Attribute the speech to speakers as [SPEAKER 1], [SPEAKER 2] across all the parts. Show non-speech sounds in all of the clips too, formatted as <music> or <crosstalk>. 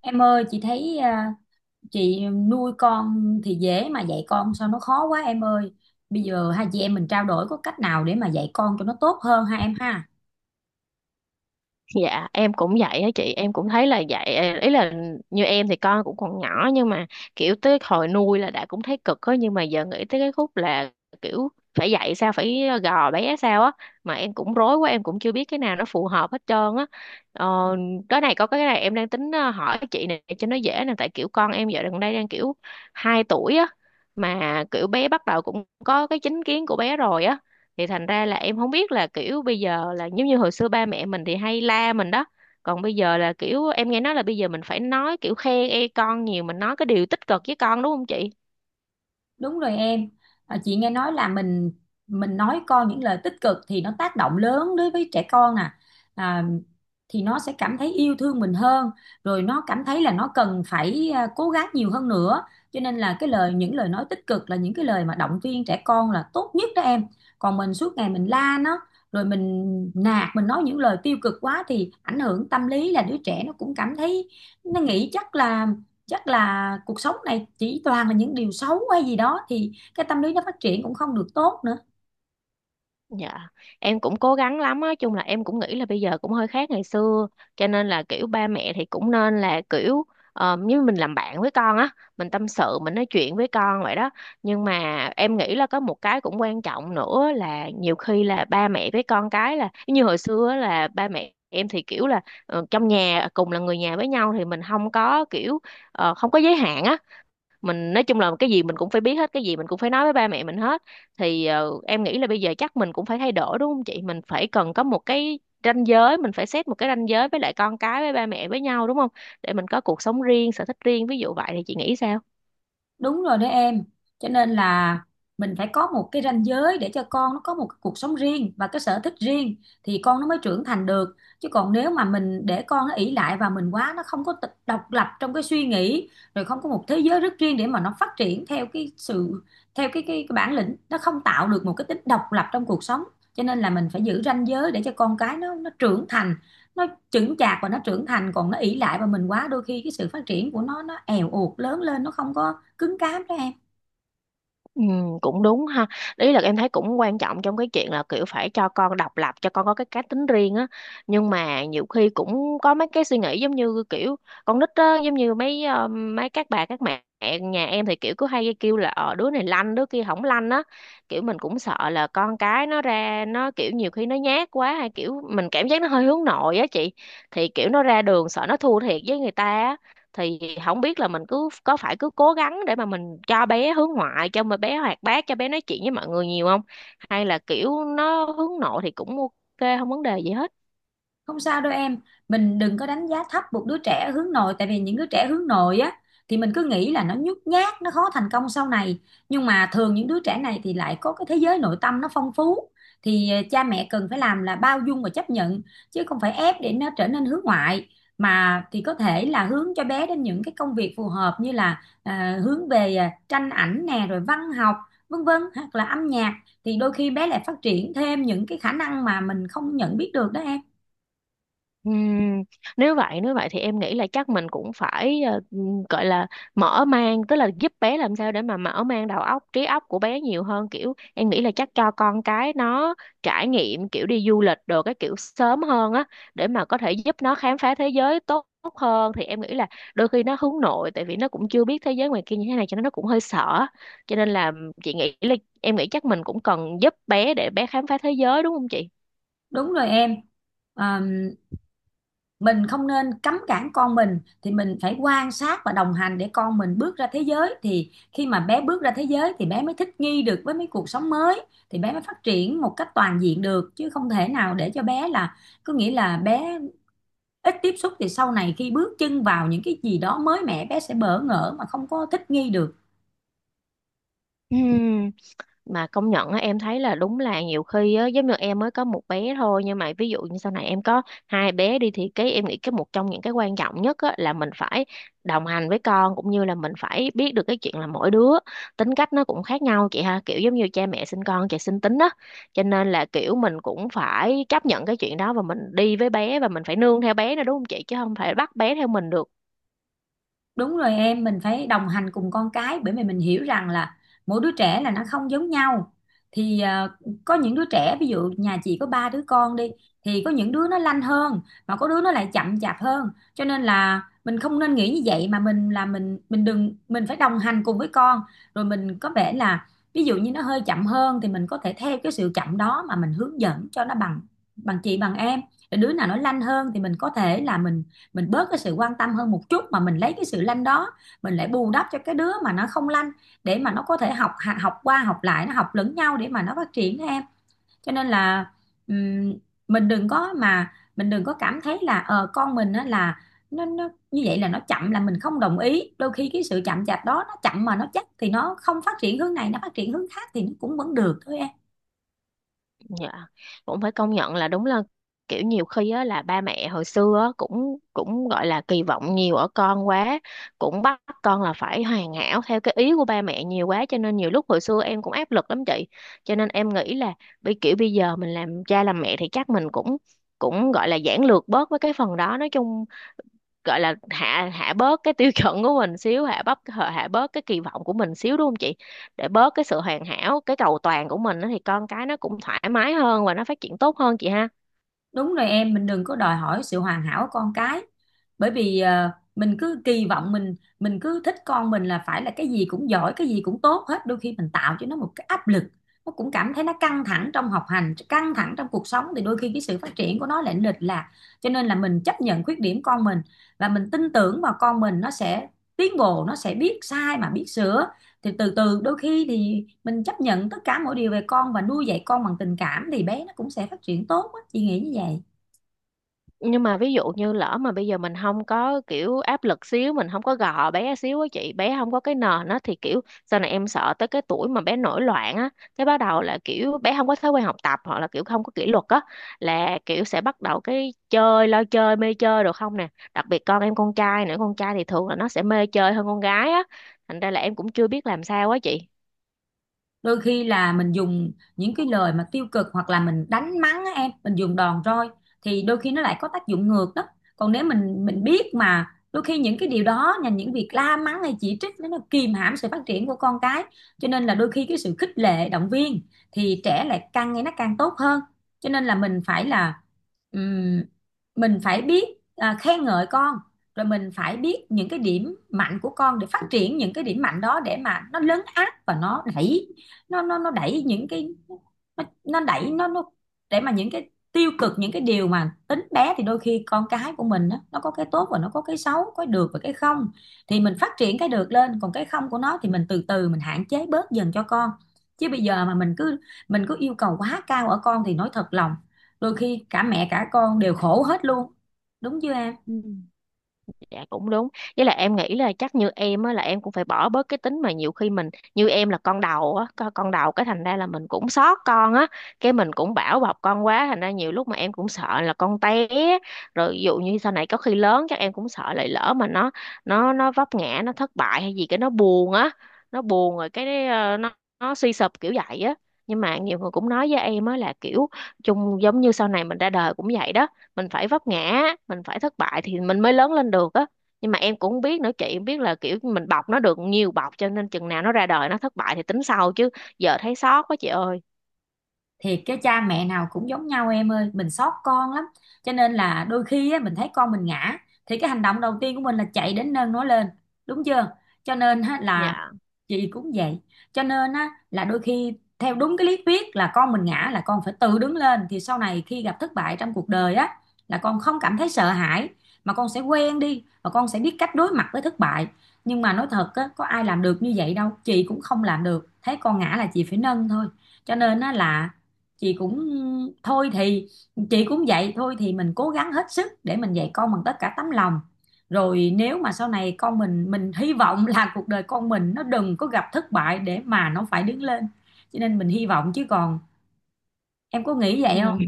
[SPEAKER 1] Em ơi, chị thấy chị nuôi con thì dễ mà dạy con sao nó khó quá em ơi. Bây giờ hai chị em mình trao đổi có cách nào để mà dạy con cho nó tốt hơn ha em ha?
[SPEAKER 2] Dạ em cũng vậy á, chị em cũng thấy là vậy. Ờ, Ý là như em thì con cũng còn nhỏ, nhưng mà kiểu tới hồi nuôi là đã cũng thấy cực á, nhưng mà giờ nghĩ tới cái khúc là kiểu phải dạy sao, phải gò bé sao á mà em cũng rối quá, em cũng chưa biết cái nào nó phù hợp hết trơn á. ờ, cái này, có cái này em đang tính hỏi chị này cho nó dễ nè, tại kiểu con em giờ gần đây đang kiểu 2 tuổi á, mà kiểu bé bắt đầu cũng có cái chính kiến của bé rồi á. Thì thành ra là em không biết là kiểu bây giờ là giống như hồi xưa ba mẹ mình thì hay la mình đó, còn bây giờ là kiểu em nghe nói là bây giờ mình phải nói kiểu khen ê con nhiều, mình nói cái điều tích cực với con, đúng không chị?
[SPEAKER 1] Đúng rồi em. Chị nghe nói là mình nói con những lời tích cực thì nó tác động lớn đối với trẻ con nè. à, thì nó sẽ cảm thấy yêu thương mình hơn, rồi nó cảm thấy là nó cần phải cố gắng nhiều hơn nữa. Cho nên là cái lời những lời nói tích cực là những cái lời mà động viên trẻ con là tốt nhất đó em. Còn mình suốt ngày mình la nó, rồi mình nạt, mình nói những lời tiêu cực quá thì ảnh hưởng tâm lý là đứa trẻ nó cũng cảm thấy nó nghĩ chắc là cuộc sống này chỉ toàn là những điều xấu hay gì đó thì cái tâm lý nó phát triển cũng không được tốt nữa.
[SPEAKER 2] Dạ, em cũng cố gắng lắm á, chung là em cũng nghĩ là bây giờ cũng hơi khác ngày xưa, cho nên là kiểu ba mẹ thì cũng nên là kiểu như mình làm bạn với con á, mình tâm sự, mình nói chuyện với con vậy đó. Nhưng mà em nghĩ là có một cái cũng quan trọng nữa là nhiều khi là ba mẹ với con cái là như hồi xưa á, là ba mẹ em thì kiểu là trong nhà cùng là người nhà với nhau thì mình không có kiểu không có giới hạn á, mình nói chung là cái gì mình cũng phải biết hết, cái gì mình cũng phải nói với ba mẹ mình hết. Thì em nghĩ là bây giờ chắc mình cũng phải thay đổi, đúng không chị? Mình phải cần có một cái ranh giới, mình phải set một cái ranh giới với lại con cái với ba mẹ với nhau, đúng không, để mình có cuộc sống riêng, sở thích riêng, ví dụ vậy. Thì chị nghĩ sao?
[SPEAKER 1] Đúng rồi đó em, cho nên là mình phải có một cái ranh giới để cho con nó có một cái cuộc sống riêng và cái sở thích riêng thì con nó mới trưởng thành được, chứ còn nếu mà mình để con nó ỷ lại và mình quá nó không có độc lập trong cái suy nghĩ, rồi không có một thế giới rất riêng để mà nó phát triển theo cái sự theo cái bản lĩnh, nó không tạo được một cái tính độc lập trong cuộc sống. Cho nên là mình phải giữ ranh giới để cho con cái nó trưởng thành, nó chững chạc và nó trưởng thành, còn nó ỷ lại và mình quá đôi khi cái sự phát triển của nó èo uột, lớn lên nó không có cứng cáp đó em.
[SPEAKER 2] Ừ, cũng đúng ha. Ý là em thấy cũng quan trọng trong cái chuyện là kiểu phải cho con độc lập, cho con có cái cá tính riêng á, nhưng mà nhiều khi cũng có mấy cái suy nghĩ giống như kiểu con nít á, giống như mấy mấy các bà các mẹ nhà em thì kiểu cứ hay kêu là đứa này lanh, đứa kia không lanh á, kiểu mình cũng sợ là con cái nó ra nó kiểu nhiều khi nó nhát quá, hay kiểu mình cảm giác nó hơi hướng nội á chị. Thì kiểu nó ra đường sợ nó thua thiệt với người ta á, thì không biết là mình cứ có phải cứ cố gắng để mà mình cho bé hướng ngoại, cho mà bé hoạt bát, cho bé nói chuyện với mọi người nhiều không, hay là kiểu nó hướng nội thì cũng ok, không vấn đề gì hết.
[SPEAKER 1] Không sao đâu em, mình đừng có đánh giá thấp một đứa trẻ hướng nội, tại vì những đứa trẻ hướng nội á thì mình cứ nghĩ là nó nhút nhát, nó khó thành công sau này. Nhưng mà thường những đứa trẻ này thì lại có cái thế giới nội tâm nó phong phú. Thì cha mẹ cần phải làm là bao dung và chấp nhận, chứ không phải ép để nó trở nên hướng ngoại, mà thì có thể là hướng cho bé đến những cái công việc phù hợp, như là hướng về tranh ảnh nè, rồi văn học, vân vân, hoặc là âm nhạc, thì đôi khi bé lại phát triển thêm những cái khả năng mà mình không nhận biết được đó em.
[SPEAKER 2] Ừm, nếu vậy, nếu vậy thì em nghĩ là chắc mình cũng phải gọi là mở mang, tức là giúp bé làm sao để mà mở mang đầu óc, trí óc của bé nhiều hơn. Kiểu em nghĩ là chắc cho con cái nó trải nghiệm kiểu đi du lịch đồ, cái kiểu sớm hơn á, để mà có thể giúp nó khám phá thế giới tốt, tốt hơn. Thì em nghĩ là đôi khi nó hướng nội tại vì nó cũng chưa biết thế giới ngoài kia như thế này, cho nên nó cũng hơi sợ. Cho nên là chị nghĩ là em nghĩ chắc mình cũng cần giúp bé để bé khám phá thế giới, đúng không chị?
[SPEAKER 1] Đúng rồi em. À, mình không nên cấm cản con mình, thì mình phải quan sát và đồng hành để con mình bước ra thế giới, thì khi mà bé bước ra thế giới thì bé mới thích nghi được với mấy cuộc sống mới, thì bé mới phát triển một cách toàn diện được, chứ không thể nào để cho bé là có nghĩa là bé ít tiếp xúc, thì sau này khi bước chân vào những cái gì đó mới mẻ bé sẽ bỡ ngỡ mà không có thích nghi được.
[SPEAKER 2] Ừm. Mà công nhận á, em thấy là đúng là nhiều khi á, giống như em mới có một bé thôi, nhưng mà ví dụ như sau này em có hai bé đi, thì cái em nghĩ cái một trong những cái quan trọng nhất á, là mình phải đồng hành với con, cũng như là mình phải biết được cái chuyện là mỗi đứa tính cách nó cũng khác nhau, chị ha. Kiểu giống như cha mẹ sinh con, chị sinh tính á, cho nên là kiểu mình cũng phải chấp nhận cái chuyện đó và mình đi với bé và mình phải nương theo bé nữa, đúng không chị, chứ không phải bắt bé theo mình được.
[SPEAKER 1] Đúng rồi em, mình phải đồng hành cùng con cái, bởi vì mình hiểu rằng là mỗi đứa trẻ là nó không giống nhau. Thì có những đứa trẻ, ví dụ nhà chị có ba đứa con đi, thì có những đứa nó lanh hơn mà có đứa nó lại chậm chạp hơn. Cho nên là mình không nên nghĩ như vậy, mà mình là mình đừng mình phải đồng hành cùng với con. Rồi mình có vẻ là Ví dụ như nó hơi chậm hơn thì mình có thể theo cái sự chậm đó mà mình hướng dẫn cho nó bằng bằng chị bằng em. Rồi đứa nào nó lanh hơn thì mình có thể là mình bớt cái sự quan tâm hơn một chút, mà mình lấy cái sự lanh đó mình lại bù đắp cho cái đứa mà nó không lanh, để mà nó có thể học học qua học lại, nó học lẫn nhau để mà nó phát triển em. Cho nên là ừm, mình đừng có cảm thấy là con mình á là nó như vậy là nó chậm là mình không đồng ý, đôi khi cái sự chậm chạp đó, nó chậm mà nó chắc, thì nó không phát triển hướng này nó phát triển hướng khác, thì nó cũng vẫn được thôi em.
[SPEAKER 2] Dạ, cũng phải công nhận là đúng là kiểu nhiều khi á là ba mẹ hồi xưa á, cũng cũng gọi là kỳ vọng nhiều ở con quá, cũng bắt con là phải hoàn hảo theo cái ý của ba mẹ nhiều quá, cho nên nhiều lúc hồi xưa em cũng áp lực lắm chị. Cho nên em nghĩ là bây giờ mình làm cha làm mẹ thì chắc mình cũng cũng gọi là giản lược bớt với cái phần đó, nói chung gọi là hạ hạ bớt cái tiêu chuẩn của mình xíu, hạ bớt cái kỳ vọng của mình xíu, đúng không chị, để bớt cái sự hoàn hảo, cái cầu toàn của mình á, thì con cái nó cũng thoải mái hơn và nó phát triển tốt hơn, chị ha.
[SPEAKER 1] Đúng rồi em, mình đừng có đòi hỏi sự hoàn hảo của con cái. Bởi vì mình cứ kỳ vọng mình mình cứ thích con mình là phải là cái gì cũng giỏi, cái gì cũng tốt hết. Đôi khi mình tạo cho nó một cái áp lực, nó cũng cảm thấy nó căng thẳng trong học hành, căng thẳng trong cuộc sống, thì đôi khi cái sự phát triển của nó lại lệch lạc. Cho nên là mình chấp nhận khuyết điểm con mình, và mình tin tưởng vào con mình nó sẽ tiến bộ, nó sẽ biết sai mà biết sửa, thì từ từ đôi khi thì mình chấp nhận tất cả mọi điều về con và nuôi dạy con bằng tình cảm thì bé nó cũng sẽ phát triển tốt á, chị nghĩ như vậy.
[SPEAKER 2] Nhưng mà ví dụ như lỡ mà bây giờ mình không có kiểu áp lực xíu, mình không có gò bé xíu á chị, bé không có cái nền á, thì kiểu sau này em sợ tới cái tuổi mà bé nổi loạn á, cái bắt đầu là kiểu bé không có thói quen học tập hoặc là kiểu không có kỷ luật á, là kiểu sẽ bắt đầu cái chơi, lo chơi, mê chơi được không nè. Đặc biệt con em con trai nữa, con trai thì thường là nó sẽ mê chơi hơn con gái á, thành ra là em cũng chưa biết làm sao á chị.
[SPEAKER 1] Đôi khi là mình dùng những cái lời mà tiêu cực, hoặc là mình đánh mắng á em, mình dùng đòn roi thì đôi khi nó lại có tác dụng ngược đó. Còn nếu mình biết mà đôi khi những cái điều đó là những việc la mắng hay chỉ trích, nó kìm hãm sự phát triển của con cái. Cho nên là đôi khi cái sự khích lệ động viên thì trẻ lại càng ngày nó càng tốt hơn. Cho nên là ừm, mình phải biết khen ngợi con, rồi mình phải biết những cái điểm mạnh của con để phát triển những cái điểm mạnh đó, để mà nó lấn át và nó đẩy những cái nó đẩy nó để mà những cái tiêu cực, những cái điều mà tính bé, thì đôi khi con cái của mình á, nó có cái tốt và nó có cái xấu, có cái được và cái không, thì mình phát triển cái được lên, còn cái không của nó thì mình từ từ mình hạn chế bớt dần cho con. Chứ bây giờ mà mình cứ yêu cầu quá cao ở con thì nói thật lòng, đôi khi cả mẹ cả con đều khổ hết luôn, đúng chưa em?
[SPEAKER 2] Dạ cũng đúng. Với lại em nghĩ là chắc như em á là em cũng phải bỏ bớt cái tính mà nhiều khi mình, như em là con đầu á, con đầu cái thành ra là mình cũng xót con á, cái mình cũng bảo bọc con quá, thành ra nhiều lúc mà em cũng sợ là con té, rồi ví dụ như sau này có khi lớn chắc em cũng sợ lại, lỡ mà nó vấp ngã, nó thất bại hay gì cái nó buồn á, nó buồn rồi cái nó suy sụp kiểu vậy á. Nhưng mà nhiều người cũng nói với em á là kiểu chung giống như sau này mình ra đời cũng vậy đó, mình phải vấp ngã, mình phải thất bại thì mình mới lớn lên được á. Nhưng mà em cũng biết nữa chị, em biết là kiểu mình bọc nó được nhiều bọc, cho nên chừng nào nó ra đời nó thất bại thì tính sau, chứ giờ thấy xót quá chị ơi.
[SPEAKER 1] Thiệt, cái cha mẹ nào cũng giống nhau em ơi, mình xót con lắm. Cho nên là đôi khi á, mình thấy con mình ngã thì cái hành động đầu tiên của mình là chạy đến nâng nó lên, đúng chưa? Cho nên á, là
[SPEAKER 2] Dạ.
[SPEAKER 1] chị cũng vậy. Cho nên á, là đôi khi theo đúng cái lý thuyết là con mình ngã là con phải tự đứng lên, thì sau này khi gặp thất bại trong cuộc đời á là con không cảm thấy sợ hãi, mà con sẽ quen đi và con sẽ biết cách đối mặt với thất bại. Nhưng mà nói thật á, có ai làm được như vậy đâu, chị cũng không làm được, thấy con ngã là chị phải nâng thôi. Cho nên á, là chị cũng thôi thì chị cũng vậy, thôi thì mình cố gắng hết sức để mình dạy con bằng tất cả tấm lòng, rồi nếu mà sau này con mình hy vọng là cuộc đời con mình nó đừng có gặp thất bại để mà nó phải đứng lên. Cho nên mình hy vọng, chứ còn em có nghĩ vậy
[SPEAKER 2] Ừ.
[SPEAKER 1] không?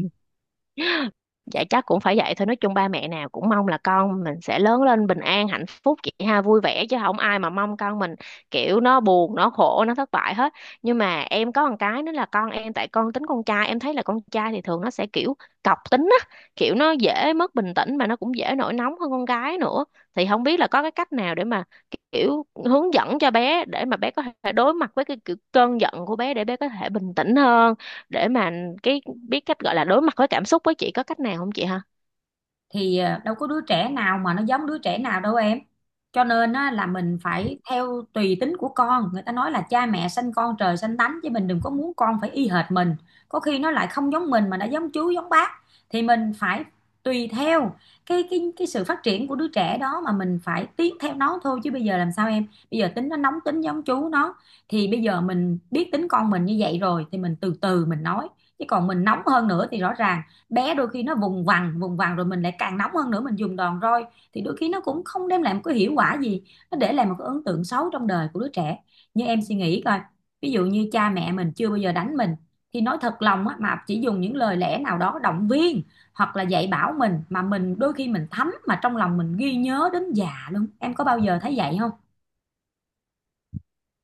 [SPEAKER 2] Dạ chắc cũng phải vậy thôi, nói chung ba mẹ nào cũng mong là con mình sẽ lớn lên bình an hạnh phúc, chị ha, vui vẻ, chứ không ai mà mong con mình kiểu nó buồn, nó khổ, nó thất bại hết. Nhưng mà em có một cái nữa là con em, tại con tính con trai, em thấy là con trai thì thường nó sẽ kiểu cọc tính á, kiểu nó dễ mất bình tĩnh mà nó cũng dễ nổi nóng hơn con gái nữa. Thì không biết là có cái cách nào để mà kiểu hướng dẫn cho bé để mà bé có thể đối mặt với cái kiểu cơn giận của bé, để bé có thể bình tĩnh hơn, để mà cái biết cách gọi là đối mặt với cảm xúc với, chị có cách nào không chị ha?
[SPEAKER 1] Thì đâu có đứa trẻ nào mà nó giống đứa trẻ nào đâu em. Cho nên á, là mình phải theo tùy tính của con, người ta nói là cha mẹ sanh con trời sanh tánh, chứ mình đừng có muốn con phải y hệt mình, có khi nó lại không giống mình mà nó giống chú giống bác. Thì mình phải tùy theo cái sự phát triển của đứa trẻ đó mà mình phải tiến theo nó thôi, chứ bây giờ làm sao em? Bây giờ tính nó nóng tính giống chú nó, thì bây giờ mình biết tính con mình như vậy rồi thì mình từ từ mình nói, chứ còn mình nóng hơn nữa thì rõ ràng bé đôi khi nó vùng vằng rồi mình lại càng nóng hơn nữa, mình dùng đòn roi thì đôi khi nó cũng không đem lại một cái hiệu quả gì, nó để lại một cái ấn tượng xấu trong đời của đứa trẻ. Như em suy nghĩ coi, ví dụ như cha mẹ mình chưa bao giờ đánh mình, thì nói thật lòng á, mà chỉ dùng những lời lẽ nào đó động viên hoặc là dạy bảo mình, mà mình đôi khi mình thấm, mà trong lòng mình ghi nhớ đến già luôn, em có bao giờ thấy vậy không?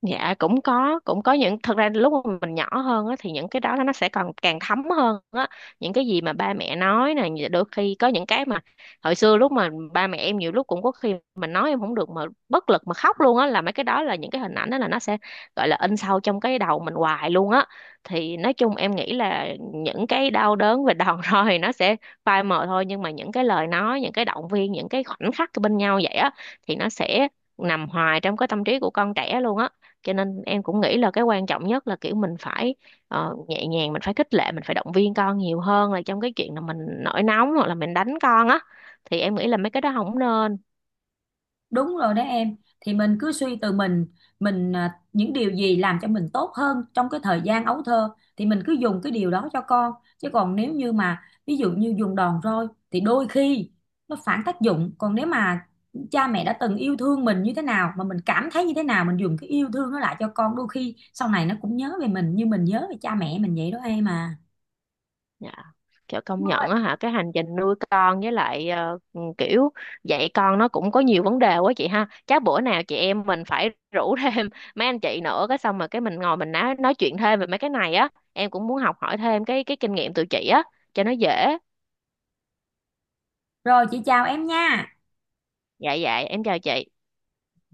[SPEAKER 2] Dạ cũng có, cũng có những, thật ra lúc mà mình nhỏ hơn á, thì những cái đó nó sẽ còn càng thấm hơn á. Những cái gì mà ba mẹ nói nè, đôi khi có những cái mà hồi xưa lúc mà ba mẹ em nhiều lúc cũng có khi mình nói em không được mà bất lực mà khóc luôn á, là mấy cái đó, là những cái hình ảnh đó là nó sẽ gọi là in sâu trong cái đầu mình hoài luôn á. Thì nói chung em nghĩ là những cái đau đớn về đòn <laughs> roi thì nó sẽ phai mờ thôi, nhưng mà những cái lời nói, những cái động viên, những cái khoảnh khắc bên nhau vậy á, thì nó sẽ nằm hoài trong cái tâm trí của con trẻ luôn á. Cho nên em cũng nghĩ là cái quan trọng nhất là kiểu mình phải nhẹ nhàng, mình phải khích lệ, mình phải động viên con nhiều hơn là trong cái chuyện là mình nổi nóng hoặc là mình đánh con á, thì em nghĩ là mấy cái đó không nên.
[SPEAKER 1] Đúng rồi đấy em, thì mình cứ suy từ mình, những điều gì làm cho mình tốt hơn trong cái thời gian ấu thơ thì mình cứ dùng cái điều đó cho con, chứ còn nếu như mà ví dụ như dùng đòn roi thì đôi khi nó phản tác dụng. Còn nếu mà cha mẹ đã từng yêu thương mình như thế nào, mà mình cảm thấy như thế nào, mình dùng cái yêu thương nó lại cho con, đôi khi sau này nó cũng nhớ về mình như mình nhớ về cha mẹ mình vậy đó em.
[SPEAKER 2] Dạ, kiểu công nhận á hả, cái hành trình nuôi con với lại kiểu dạy con nó cũng có nhiều vấn đề quá chị ha. Chắc bữa nào chị em mình phải rủ <laughs> thêm mấy anh chị nữa, cái xong rồi cái mình ngồi mình nói chuyện thêm về mấy cái này á, em cũng muốn học hỏi thêm cái kinh nghiệm từ chị á cho nó dễ.
[SPEAKER 1] Rồi chị chào em nha.
[SPEAKER 2] Dạ, dạ em chào chị.